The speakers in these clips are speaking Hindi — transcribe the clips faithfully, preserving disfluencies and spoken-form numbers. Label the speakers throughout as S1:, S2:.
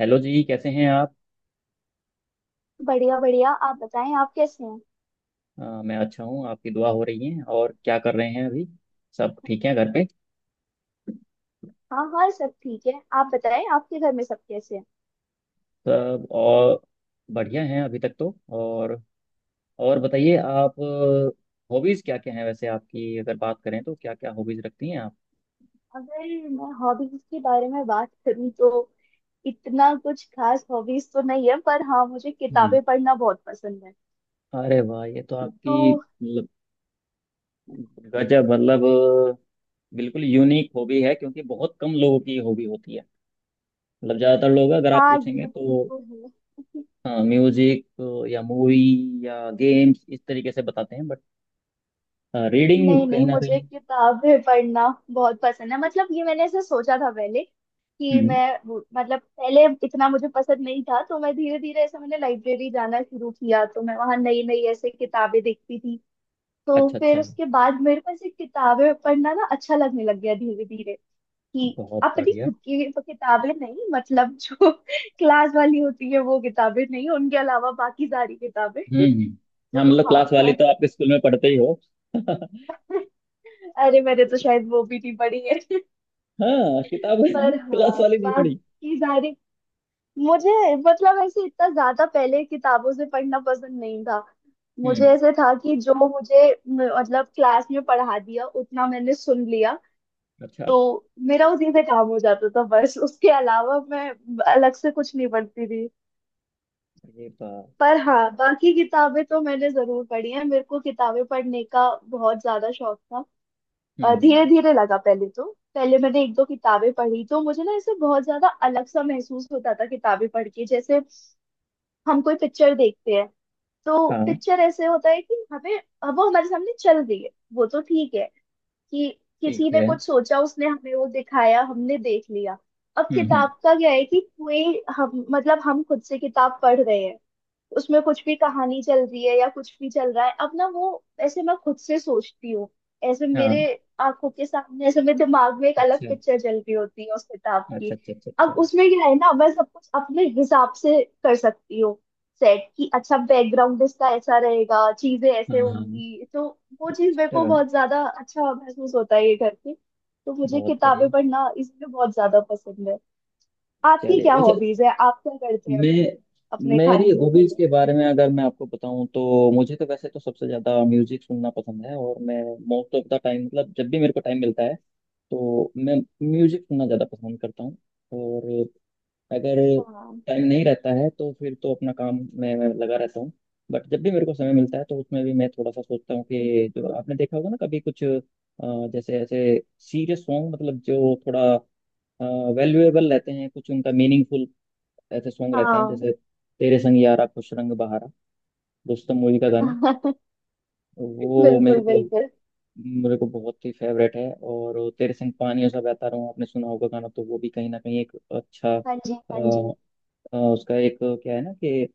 S1: हेलो जी, कैसे हैं आप।
S2: बढ़िया बढ़िया, आप बताएं आप कैसे हैं।
S1: अ, मैं अच्छा हूँ, आपकी दुआ हो रही है। और क्या कर रहे हैं अभी, सब ठीक है घर पे।
S2: हाँ हाँ, सब ठीक है। आप बताएं आपके घर में सब कैसे हैं।
S1: सब और बढ़िया हैं अभी तक तो। और और बताइए आप। हॉबीज क्या क्या हैं, वैसे आपकी अगर बात करें तो क्या क्या हॉबीज रखती हैं आप।
S2: अगर मैं हॉबीज के बारे में बात करूं तो इतना कुछ खास हॉबीज तो नहीं है, पर हाँ, मुझे
S1: हम्म।
S2: किताबें पढ़ना बहुत पसंद है।
S1: अरे वाह, ये तो आपकी
S2: तो।
S1: मतलब गजब, मतलब बिल्कुल यूनिक हॉबी है, क्योंकि बहुत कम लोगों की हॉबी होती है। मतलब ज्यादातर लोग अगर आप
S2: हाँ,
S1: पूछेंगे
S2: ये
S1: तो
S2: तो है।
S1: हाँ, म्यूजिक या मूवी या गेम्स इस तरीके से बताते हैं, बट रीडिंग
S2: नहीं नहीं,
S1: कहीं ना
S2: मुझे
S1: कहीं।
S2: किताबें पढ़ना बहुत पसंद है। मतलब ये मैंने ऐसे सोचा था पहले कि
S1: हम्म।
S2: मैं वो- मतलब पहले इतना मुझे पसंद नहीं था, तो मैं धीरे धीरे, ऐसे मैंने लाइब्रेरी जाना शुरू किया, तो मैं वहां नई नई ऐसे किताबें देखती थी। तो
S1: अच्छा अच्छा,
S2: फिर उसके बाद मेरे को ऐसे किताबें पढ़ना ना अच्छा लगने लग गया धीरे धीरे, कि
S1: बहुत
S2: अपनी
S1: बढ़िया।
S2: खुद की तो किताबें नहीं, मतलब जो क्लास वाली होती है वो किताबें नहीं, उनके अलावा बाकी सारी किताबें।
S1: हम्म,
S2: तो
S1: हाँ मतलब क्लास वाली
S2: हाँ।
S1: तो आपके स्कूल में पढ़ते ही हो।
S2: अरे, मैंने तो शायद वो भी नहीं पढ़ी है।
S1: हाँ, किताब
S2: पर हाँ,
S1: क्लास वाली नहीं पढ़ी।
S2: बाकी सारी, मुझे, मतलब ऐसे इतना ज्यादा पहले किताबों से पढ़ना पसंद नहीं था। मुझे
S1: हम्म।
S2: ऐसे था कि जो मुझे म- मतलब क्लास में पढ़ा दिया उतना मैंने सुन लिया,
S1: अच्छा।
S2: तो मेरा उसी से काम हो जाता था। बस उसके अलावा मैं अलग से कुछ नहीं पढ़ती थी।
S1: अरे बाप।
S2: पर हाँ, बाकी किताबें तो मैंने जरूर पढ़ी हैं, मेरे को किताबें पढ़ने का बहुत ज्यादा शौक था।
S1: हम्म
S2: धीरे
S1: हम्म।
S2: धीरे लगा, पहले तो पहले मैंने एक दो किताबें पढ़ी, तो मुझे ना इसे बहुत ज्यादा अलग सा महसूस होता था किताबें पढ़ के। जैसे हम कोई पिक्चर देखते हैं, तो
S1: हाँ।
S2: पिक्चर ऐसे होता है कि हमें वो हमारे सामने चल रही है, वो तो ठीक है कि किसी
S1: ठीक
S2: ने
S1: है।
S2: कुछ सोचा, उसने हमें वो दिखाया, हमने देख लिया। अब
S1: हम्म हम्म।
S2: किताब का क्या है कि कोई, हम, मतलब हम खुद से किताब पढ़ रहे हैं, उसमें कुछ भी कहानी चल रही है या कुछ भी चल रहा है, अब ना वो ऐसे मैं खुद से सोचती हूँ। ऐसे मेरे
S1: हाँ।
S2: आंखों के सामने, ऐसे मेरे दिमाग में एक अलग
S1: अच्छा
S2: पिक्चर चल रही होती है उस किताब की।
S1: अच्छा अच्छा अच्छा।
S2: अब
S1: अच्छा।
S2: उसमें क्या है ना, मैं सब कुछ अपने हिसाब से कर सकती हूँ सेट, कि अच्छा बैकग्राउंड इसका ऐसा रहेगा, चीजें ऐसे
S1: हाँ हाँ।
S2: होंगी, तो वो चीज मेरे
S1: अच्छा,
S2: को बहुत ज्यादा अच्छा महसूस होता है ये करके। तो मुझे
S1: बहुत बढ़िया।
S2: किताबें पढ़ना इसलिए बहुत ज्यादा पसंद है। आपकी
S1: चलिए
S2: क्या
S1: वैसे,
S2: हॉबीज है? आप क्या करते हैं
S1: मैं
S2: अपने
S1: मेरी
S2: खाली समय
S1: हॉबीज
S2: में?
S1: के बारे में अगर मैं आपको बताऊं तो मुझे तो वैसे तो सबसे ज्यादा म्यूजिक सुनना पसंद है, और मैं मोस्ट ऑफ द टाइम मतलब जब भी मेरे को टाइम मिलता है तो मैं म्यूजिक सुनना ज्यादा पसंद करता हूँ। और अगर
S2: हाँ।
S1: टाइम नहीं रहता है तो फिर तो अपना काम में मैं लगा रहता हूँ। बट जब भी मेरे को समय मिलता है तो उसमें भी मैं थोड़ा सा सोचता हूँ कि जो आपने देखा होगा ना, कभी कुछ अ, जैसे ऐसे सीरियस सॉन्ग, मतलब जो थोड़ा वैल्यूएबल रहते हैं कुछ, उनका मीनिंगफुल ऐसे सॉन्ग रहते हैं,
S2: हाँ।
S1: जैसे तेरे संग यारा खुश रंग बहारा, रुस्तम मूवी का गाना। वो मेरे
S2: बिल्कुल
S1: को
S2: बिल्कुल।
S1: मेरे को बहुत ही फेवरेट है, और तेरे संग पानियों सा बहता रहूं आपने सुना होगा गाना, तो वो भी कहीं ना कहीं एक अच्छा
S2: हाँ जी,
S1: अ,
S2: हाँ जी।
S1: अ, उसका एक क्या है ना कि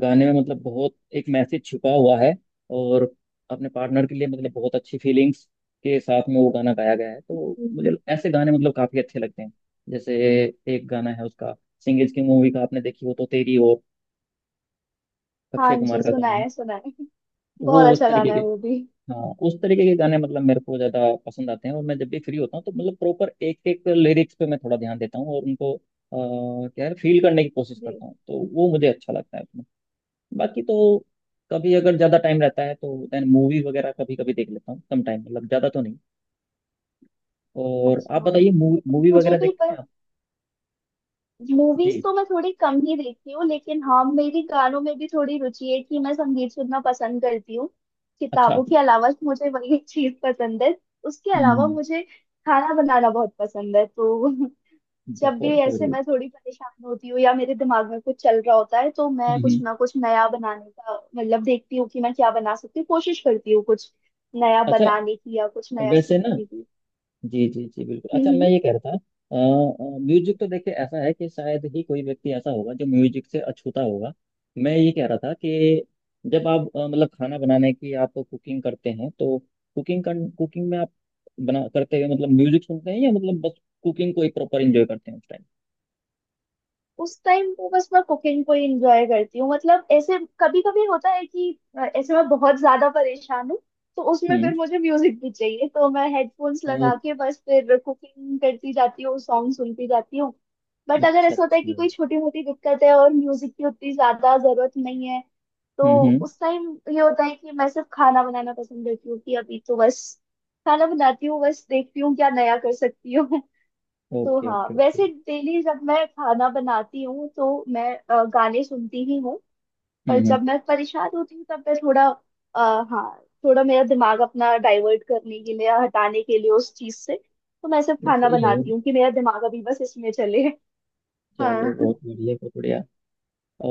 S1: गाने में मतलब बहुत एक मैसेज छुपा हुआ है। और अपने पार्टनर के लिए मतलब बहुत अच्छी फीलिंग्स के साथ में वो गाना गाया गया है, तो मुझे
S2: हम्म।
S1: ऐसे गाने मतलब काफी अच्छे लगते हैं। जैसे एक गाना है उसका, सिंह इज की मूवी का आपने देखी हो तो तेरी ओर,
S2: हाँ
S1: अक्षय कुमार
S2: जी,
S1: का
S2: सुना
S1: गाना है।
S2: है, सुना है।
S1: वो
S2: बहुत
S1: उस
S2: अच्छा
S1: तरीके
S2: गाना
S1: के
S2: है वो भी।
S1: हाँ, उस तरीके के गाने मतलब मेरे को ज्यादा पसंद आते हैं, और मैं जब भी फ्री होता हूँ तो मतलब प्रॉपर एक एक लिरिक्स पे मैं थोड़ा ध्यान देता हूँ, और उनको अ, क्या है, फील करने की कोशिश करता
S2: जी।
S1: हूँ तो वो मुझे अच्छा लगता है उसमें। बाकी तो कभी अगर ज्यादा टाइम रहता है तो देन मूवी वगैरह कभी कभी देख लेता हूँ, कम टाइम मतलब ज्यादा तो नहीं। और आप
S2: अच्छा।
S1: बताइए, मूवी
S2: मुझे
S1: वगैरह
S2: भी।
S1: देखते
S2: पर
S1: हैं आप।
S2: मूवीज
S1: जी।
S2: तो मैं थोड़ी कम ही देखती हूँ, लेकिन हाँ, मेरी गानों में भी थोड़ी रुचि है कि मैं संगीत सुनना पसंद करती हूँ।
S1: अच्छा।
S2: किताबों के अलावा मुझे वही एक चीज पसंद है। उसके अलावा
S1: हम्म।
S2: मुझे खाना बनाना बहुत पसंद है। तो जब भी
S1: बहुत
S2: ऐसे
S1: बढ़िया।
S2: मैं थोड़ी परेशान होती हूँ या मेरे दिमाग में कुछ चल रहा होता है, तो मैं कुछ
S1: हम्म।
S2: ना कुछ नया बनाने का मतलब देखती हूँ कि मैं क्या बना सकती हूँ, कोशिश करती हूँ कुछ नया
S1: अच्छा
S2: बनाने की या कुछ नया
S1: वैसे ना,
S2: सीखने की।
S1: जी जी जी, बिल्कुल। अच्छा,
S2: हम्म।
S1: मैं ये कह रहा था, म्यूजिक तो देखिए ऐसा है कि शायद ही कोई व्यक्ति ऐसा होगा जो म्यूजिक से अछूता होगा। मैं ये कह रहा था कि जब आप अ, मतलब खाना बनाने की, आप कुकिंग करते हैं तो कुकिंग कर, कुकिंग में आप बना करते हुए मतलब म्यूजिक सुनते हैं, या मतलब बस कुकिंग को ही प्रॉपर एंजॉय करते हैं उस टाइम।
S2: उस टाइम वो बस मैं कुकिंग को ही एंजॉय करती हूँ। मतलब ऐसे कभी कभी होता है कि अ, ऐसे मैं बहुत ज्यादा परेशान हूँ, तो उसमें
S1: हम्म।
S2: फिर मुझे म्यूजिक भी चाहिए, तो मैं हेडफोन्स लगा
S1: और-
S2: के बस फिर कुकिंग करती जाती हूँ, सॉन्ग सुनती जाती हूँ। बट अगर
S1: अच्छा अच्छा।
S2: ऐसा होता है कि कोई छोटी मोटी दिक्कत है और म्यूजिक की उतनी ज्यादा जरूरत नहीं है, तो
S1: हम्म हम्म।
S2: उस टाइम ये होता है कि मैं सिर्फ खाना बनाना पसंद करती हूँ, कि अभी तो बस खाना बनाती हूँ, बस देखती हूँ क्या नया कर सकती हूँ। तो
S1: ओके
S2: हाँ,
S1: ओके ओके।
S2: वैसे डेली जब मैं खाना बनाती हूँ तो मैं अ, गाने सुनती ही हूँ।
S1: हम्म
S2: पर
S1: हम्म।
S2: जब मैं परेशान होती हूँ तब मैं थोड़ा आ, हाँ, थोड़ा मेरा दिमाग अपना डाइवर्ट करने के लिए, हटाने के लिए उस चीज से, तो मैं सिर्फ
S1: नहीं,
S2: खाना
S1: सही है।
S2: बनाती हूँ कि मेरा दिमाग अभी बस इसमें चले।
S1: चलिए,
S2: हाँ।
S1: बहुत बढ़िया बहुत बढ़िया।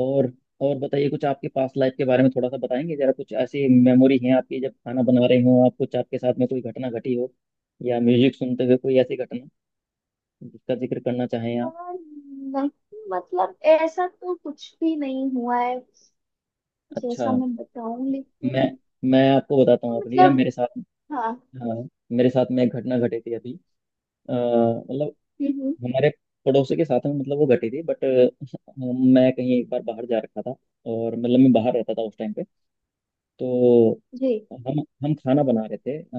S1: और और बताइए कुछ आपके पास्ट लाइफ के बारे में, थोड़ा सा बताएंगे जरा, कुछ ऐसी मेमोरी है आपकी जब खाना बना रहे हो आप, कुछ आपके साथ में कोई घटना घटी हो, या म्यूजिक सुनते हुए कोई ऐसी घटना जिसका जिक्र करना चाहें
S2: अ,
S1: आप।
S2: नहीं, मतलब ऐसा तो कुछ भी नहीं हुआ है
S1: अच्छा,
S2: जैसा मैं बताऊं,
S1: मैं
S2: लेकिन।
S1: मैं आपको बताता
S2: तो
S1: हूँ अपनी ना,
S2: मतलब
S1: मेरे साथ,
S2: हाँ।
S1: हाँ, मेरे साथ में एक घटना घटी थी अभी, अ, मतलब
S2: हम्म, हम्म।
S1: हमारे पड़ोसी के साथ में मतलब वो घटी थी, बट हाँ, मैं कहीं एक बार बाहर जा रखा था, और मतलब मैं बाहर रहता था उस टाइम पे। तो
S2: जी।
S1: हम हम खाना बना रहे थे, अ,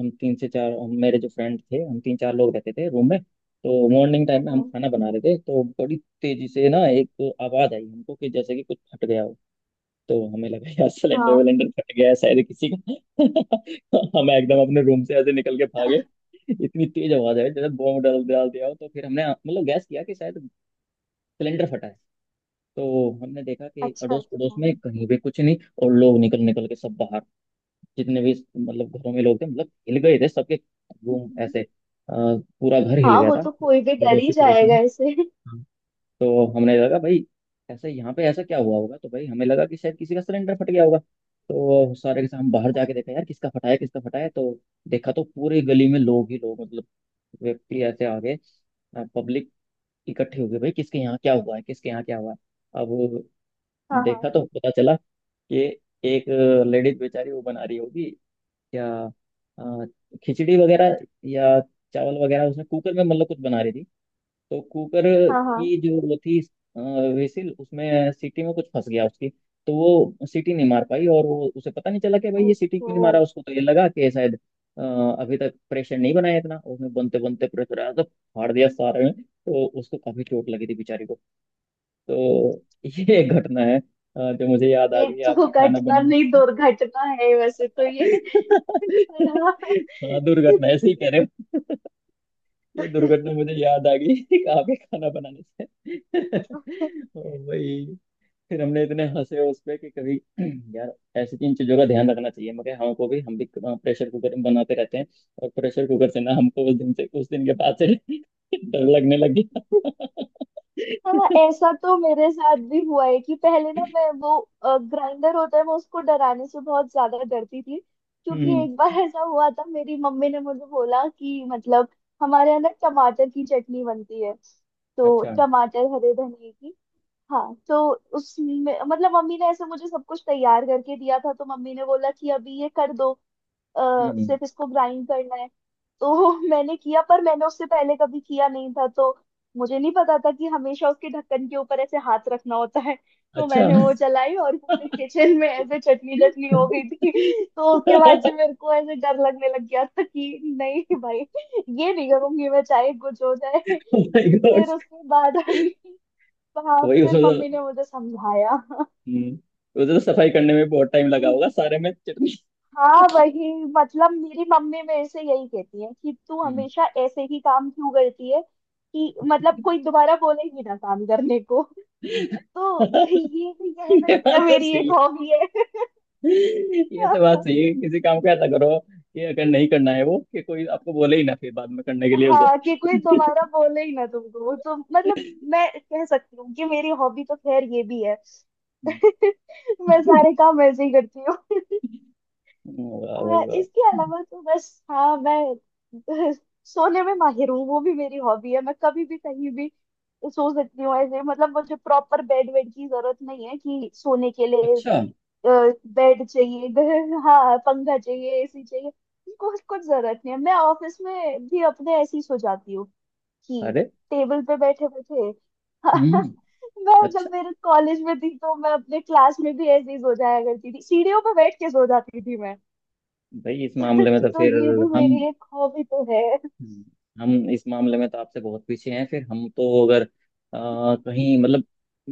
S1: हम तीन से चार हम- मेरे जो फ्रेंड थे हम तीन चार लोग रहते थे रूम में। तो मॉर्निंग टाइम में हम
S2: हाँ
S1: खाना बना रहे थे, तो बड़ी तेजी से ना एक आवाज आई हमको कि जैसे कि कुछ फट गया हो। तो हमें लगा यार, सिलेंडर
S2: हाँ।
S1: विलेंडर फट गया है शायद किसी का। हम एकदम अपने रूम से ऐसे निकल के
S2: अच्छा
S1: भागे। इतनी तेज आवाज आई जैसे बॉम्ब डाल डाल दिया हो, तो फिर हमने मतलब गैस किया कि शायद सिलेंडर फटा है। तो हमने देखा कि
S2: अच्छा।
S1: अड़ोस पड़ोस में कहीं भी कुछ नहीं, और लोग निकल निकल के सब बाहर, जितने भी मतलब घरों में लोग थे मतलब हिल गए थे, सबके रूम
S2: हम्म।
S1: ऐसे अ, पूरा घर हिल
S2: हाँ,
S1: गया
S2: वो
S1: था
S2: तो कोई भी डर ही
S1: पड़ोसी पड़ोसी
S2: जाएगा
S1: में।
S2: ऐसे।
S1: हाँ। तो हमने लगा भाई, ऐसे यहाँ पे ऐसा क्या हुआ होगा, तो भाई हमें लगा कि शायद किसी का सिलेंडर फट गया होगा। तो सारे के साथ हम बाहर
S2: हाँ।
S1: जाके देखा, यार किसका फटा है किसका फटा है, तो देखा तो पूरी गली में लोग ही लोग, मतलब व्यक्ति ऐसे आ गए, पब्लिक इकट्ठी हो गई, भाई किसके यहाँ क्या हुआ है किसके यहाँ क्या हुआ है। अब
S2: हाँ।
S1: देखा तो पता चला कि एक लेडीज बेचारी वो बना रही होगी, या अ, खिचड़ी वगैरह या चावल वगैरह, उसने कुकर में मतलब कुछ बना रही थी। तो कुकर
S2: हाँ। हाँ।
S1: की जो वो थी अ, वेसिल, उसमें सीटी में कुछ फंस गया उसकी। तो वो सीटी नहीं मार पाई, और वो, उसे पता नहीं चला कि भाई ये सीटी क्यों
S2: ओहो।
S1: नहीं मारा, उसको तो ये लगा कि शायद अ, अभी तक प्रेशर नहीं बनाया इतना, उसने बनते बनते प्रेशर आया तो फाड़ दिया सारे में, तो उसको काफी चोट लगी थी बेचारी को। तो ये एक घटना है अ, जो मुझे याद आ
S2: ये
S1: गई
S2: तो
S1: आपके खाना
S2: घटना
S1: बनाने
S2: नहीं
S1: से।
S2: दुर्घटना है, वैसे तो ये। पर।
S1: हाँ, दुर्घटना ऐसे ही कह रहे हो, ये दुर्घटना मुझे याद आ गई कहाँ पे खाना बनाने से। ओ भाई, फिर हमने इतने हंसे उस पे कि कभी, यार ऐसी इन चीजों का ध्यान रखना चाहिए, मगर हमको भी हम भी प्रेशर कुकर में बनाते रहते हैं। और प्रेशर कुकर से ना हमको उस दिन से उस दिन के बाद से डर लगने लग गया।
S2: हाँ हाँ, ऐसा तो मेरे साथ भी हुआ है कि पहले ना मैं, वो ग्राइंडर होता है, मैं उसको डराने से बहुत ज्यादा डरती थी। क्योंकि
S1: हम्म।
S2: एक बार ऐसा हुआ था, मेरी मम्मी ने मुझे बोला कि मतलब हमारे यहाँ ना टमाटर की चटनी बनती है, तो
S1: अच्छा।
S2: टमाटर हरे धनिए की। हाँ, तो उसमें मतलब मम्मी ने ऐसे मुझे सब कुछ तैयार करके दिया था, तो मम्मी ने बोला कि अभी ये कर दो, आ,
S1: हम्म।
S2: सिर्फ इसको ग्राइंड करना है। तो मैंने किया, पर मैंने उससे पहले कभी किया नहीं था, तो मुझे नहीं पता था कि हमेशा उसके ढक्कन के ऊपर ऐसे हाथ रखना होता है। तो
S1: अच्छा।
S2: मैंने वो चलाई और पूरे किचन में ऐसे चटनी चटनी हो गई थी। तो उसके बाद से मेरे को ऐसे डर लगने लग गया था कि नहीं भाई, ये नहीं करूंगी मैं, चाहे कुछ हो जाए।
S1: ओ माय
S2: फिर
S1: गॉड।
S2: उसके बाद अभी। हाँ,
S1: वही
S2: फिर
S1: उसमें
S2: मम्मी
S1: तो,
S2: ने मुझे समझाया कि।
S1: हम्म, उधर तो सफाई करने में बहुत टाइम लगा
S2: हम्म।
S1: होगा, सारे में चटनी।
S2: हाँ, वही, मतलब मेरी मम्मी मेरे से यही कहती है कि तू
S1: हम्म।
S2: हमेशा ऐसे ही काम क्यों करती है, कि मतलब कोई दोबारा बोले ही ना काम करने को। तो ये भी कह
S1: ये
S2: सकते
S1: बात
S2: हैं
S1: तो
S2: मेरी
S1: सही
S2: एक हॉबी है।
S1: है, ये तो बात सही है, किसी काम को ऐसा करो कि अगर नहीं करना है वो, कि कोई आपको बोले ही ना फिर बाद में करने के लिए उसे।
S2: हाँ, कि कोई दोबारा बोले ही ना तुमको, तो मतलब मैं कह सकती हूँ कि मेरी हॉबी तो खैर ये भी है।
S1: हम्म।
S2: मैं सारे काम ऐसे ही करती हूँ।
S1: वाह भाई
S2: आ,
S1: वाह।
S2: इसके अलावा तो बस हाँ, मैं सोने में माहिर हूँ, वो भी मेरी हॉबी है। मैं कभी भी कहीं भी सो सकती हूँ ऐसे, मतलब मुझे प्रॉपर बेड वेड की जरूरत नहीं है कि सोने के लिए
S1: अच्छा।
S2: बेड चाहिए। ग- हाँ, पंखा चाहिए, एसी चाहिए, कुछ कुछ जरूरत नहीं है। मैं ऑफिस में भी अपने ऐसे ही सो जाती हूँ, कि
S1: अरे।
S2: टेबल पे बैठे बैठे।
S1: हम्म।
S2: मैं जब
S1: अच्छा,
S2: मेरे कॉलेज में थी तो मैं अपने क्लास में भी ऐसे ही सो जाया करती थी, सीढ़ियों पे बैठ के सो जाती थी।
S1: भाई इस मामले में तो
S2: तो
S1: फिर
S2: ये भी
S1: हम
S2: मेरी एक हॉबी तो है।
S1: हम इस मामले में तो आपसे बहुत पीछे हैं। फिर हम तो अगर अ, कहीं मतलब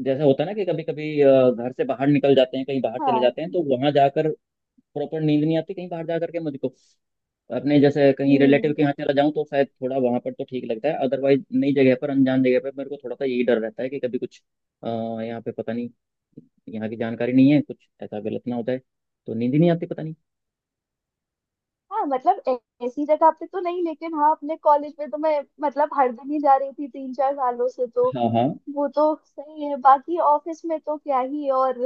S1: जैसा होता है ना कि कभी कभी घर से बाहर निकल जाते हैं कहीं बाहर चले
S2: हाँ।
S1: जाते हैं, तो वहां जाकर प्रॉपर नींद नहीं आती कहीं बाहर जा करके मुझको। अपने जैसे कहीं रिलेटिव
S2: हम्म।
S1: के यहाँ चला जाऊं तो शायद थोड़ा वहां पर तो ठीक लगता है, अदरवाइज नई जगह पर, अनजान जगह पर मेरे को थोड़ा सा यही डर रहता है कि कभी कुछ अ, यहाँ पे पता नहीं, यहाँ की जानकारी नहीं है, कुछ ऐसा गलत ना हो जाए, तो नींद ही नहीं आती पता नहीं।
S2: हाँ, मतलब ऐ- ऐसी जगह पे तो नहीं, लेकिन हाँ, अपने कॉलेज में तो मैं मतलब हर दिन ही जा रही थी तीन चार सालों से, तो
S1: हाँ हाँ।
S2: वो तो सही है। बाकी ऑफिस में तो क्या ही। और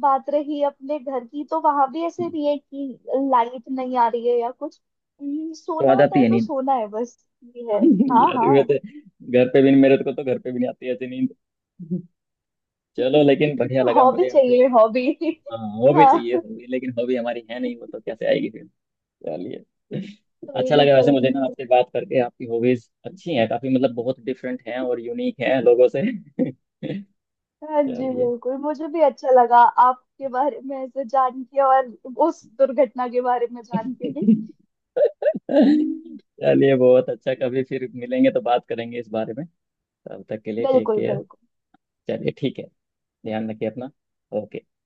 S2: बात रही अपने घर की, तो वहां भी ऐसे
S1: हम्म।
S2: नहीं है कि लाइट नहीं आ रही है या कुछ। हम्म,
S1: तो
S2: सोना
S1: आ
S2: होता
S1: जाती
S2: है
S1: है
S2: तो
S1: नींद।
S2: सोना है बस। ये है। हाँ
S1: यार
S2: हाँ।
S1: वैसे, घर पे भी मेरे को तो घर पे भी नहीं आती ऐसी नींद। चलो, लेकिन बढ़िया लगा
S2: हॉबी
S1: मुझे यहाँ से।
S2: चाहिए, हॉबी।
S1: हाँ, हॉबी चाहिए
S2: हाँ।
S1: हॉबी, लेकिन हॉबी हमारी है नहीं, वो तो कैसे आएगी फिर। चलिए,
S2: कोई
S1: अच्छा
S2: नहीं,
S1: लगा वैसे
S2: कोई
S1: मुझे
S2: नहीं।
S1: ना आपसे बात करके, आपकी हॉबीज अच्छी हैं काफी, मतलब बहुत डिफरेंट हैं और यूनिक हैं लोगों से।
S2: हाँ जी,
S1: चलिए।
S2: बिल्कुल, मुझे भी अच्छा लगा आपके बारे में ऐसे जान के, और उस दुर्घटना के बारे में जान के भी।
S1: चलिए बहुत अच्छा, कभी फिर मिलेंगे तो बात करेंगे इस बारे में। तब तक के लिए टेक
S2: बिल्कुल
S1: केयर।
S2: बिल्कुल।
S1: चलिए ठीक है। ध्यान रखिए अपना। ओके।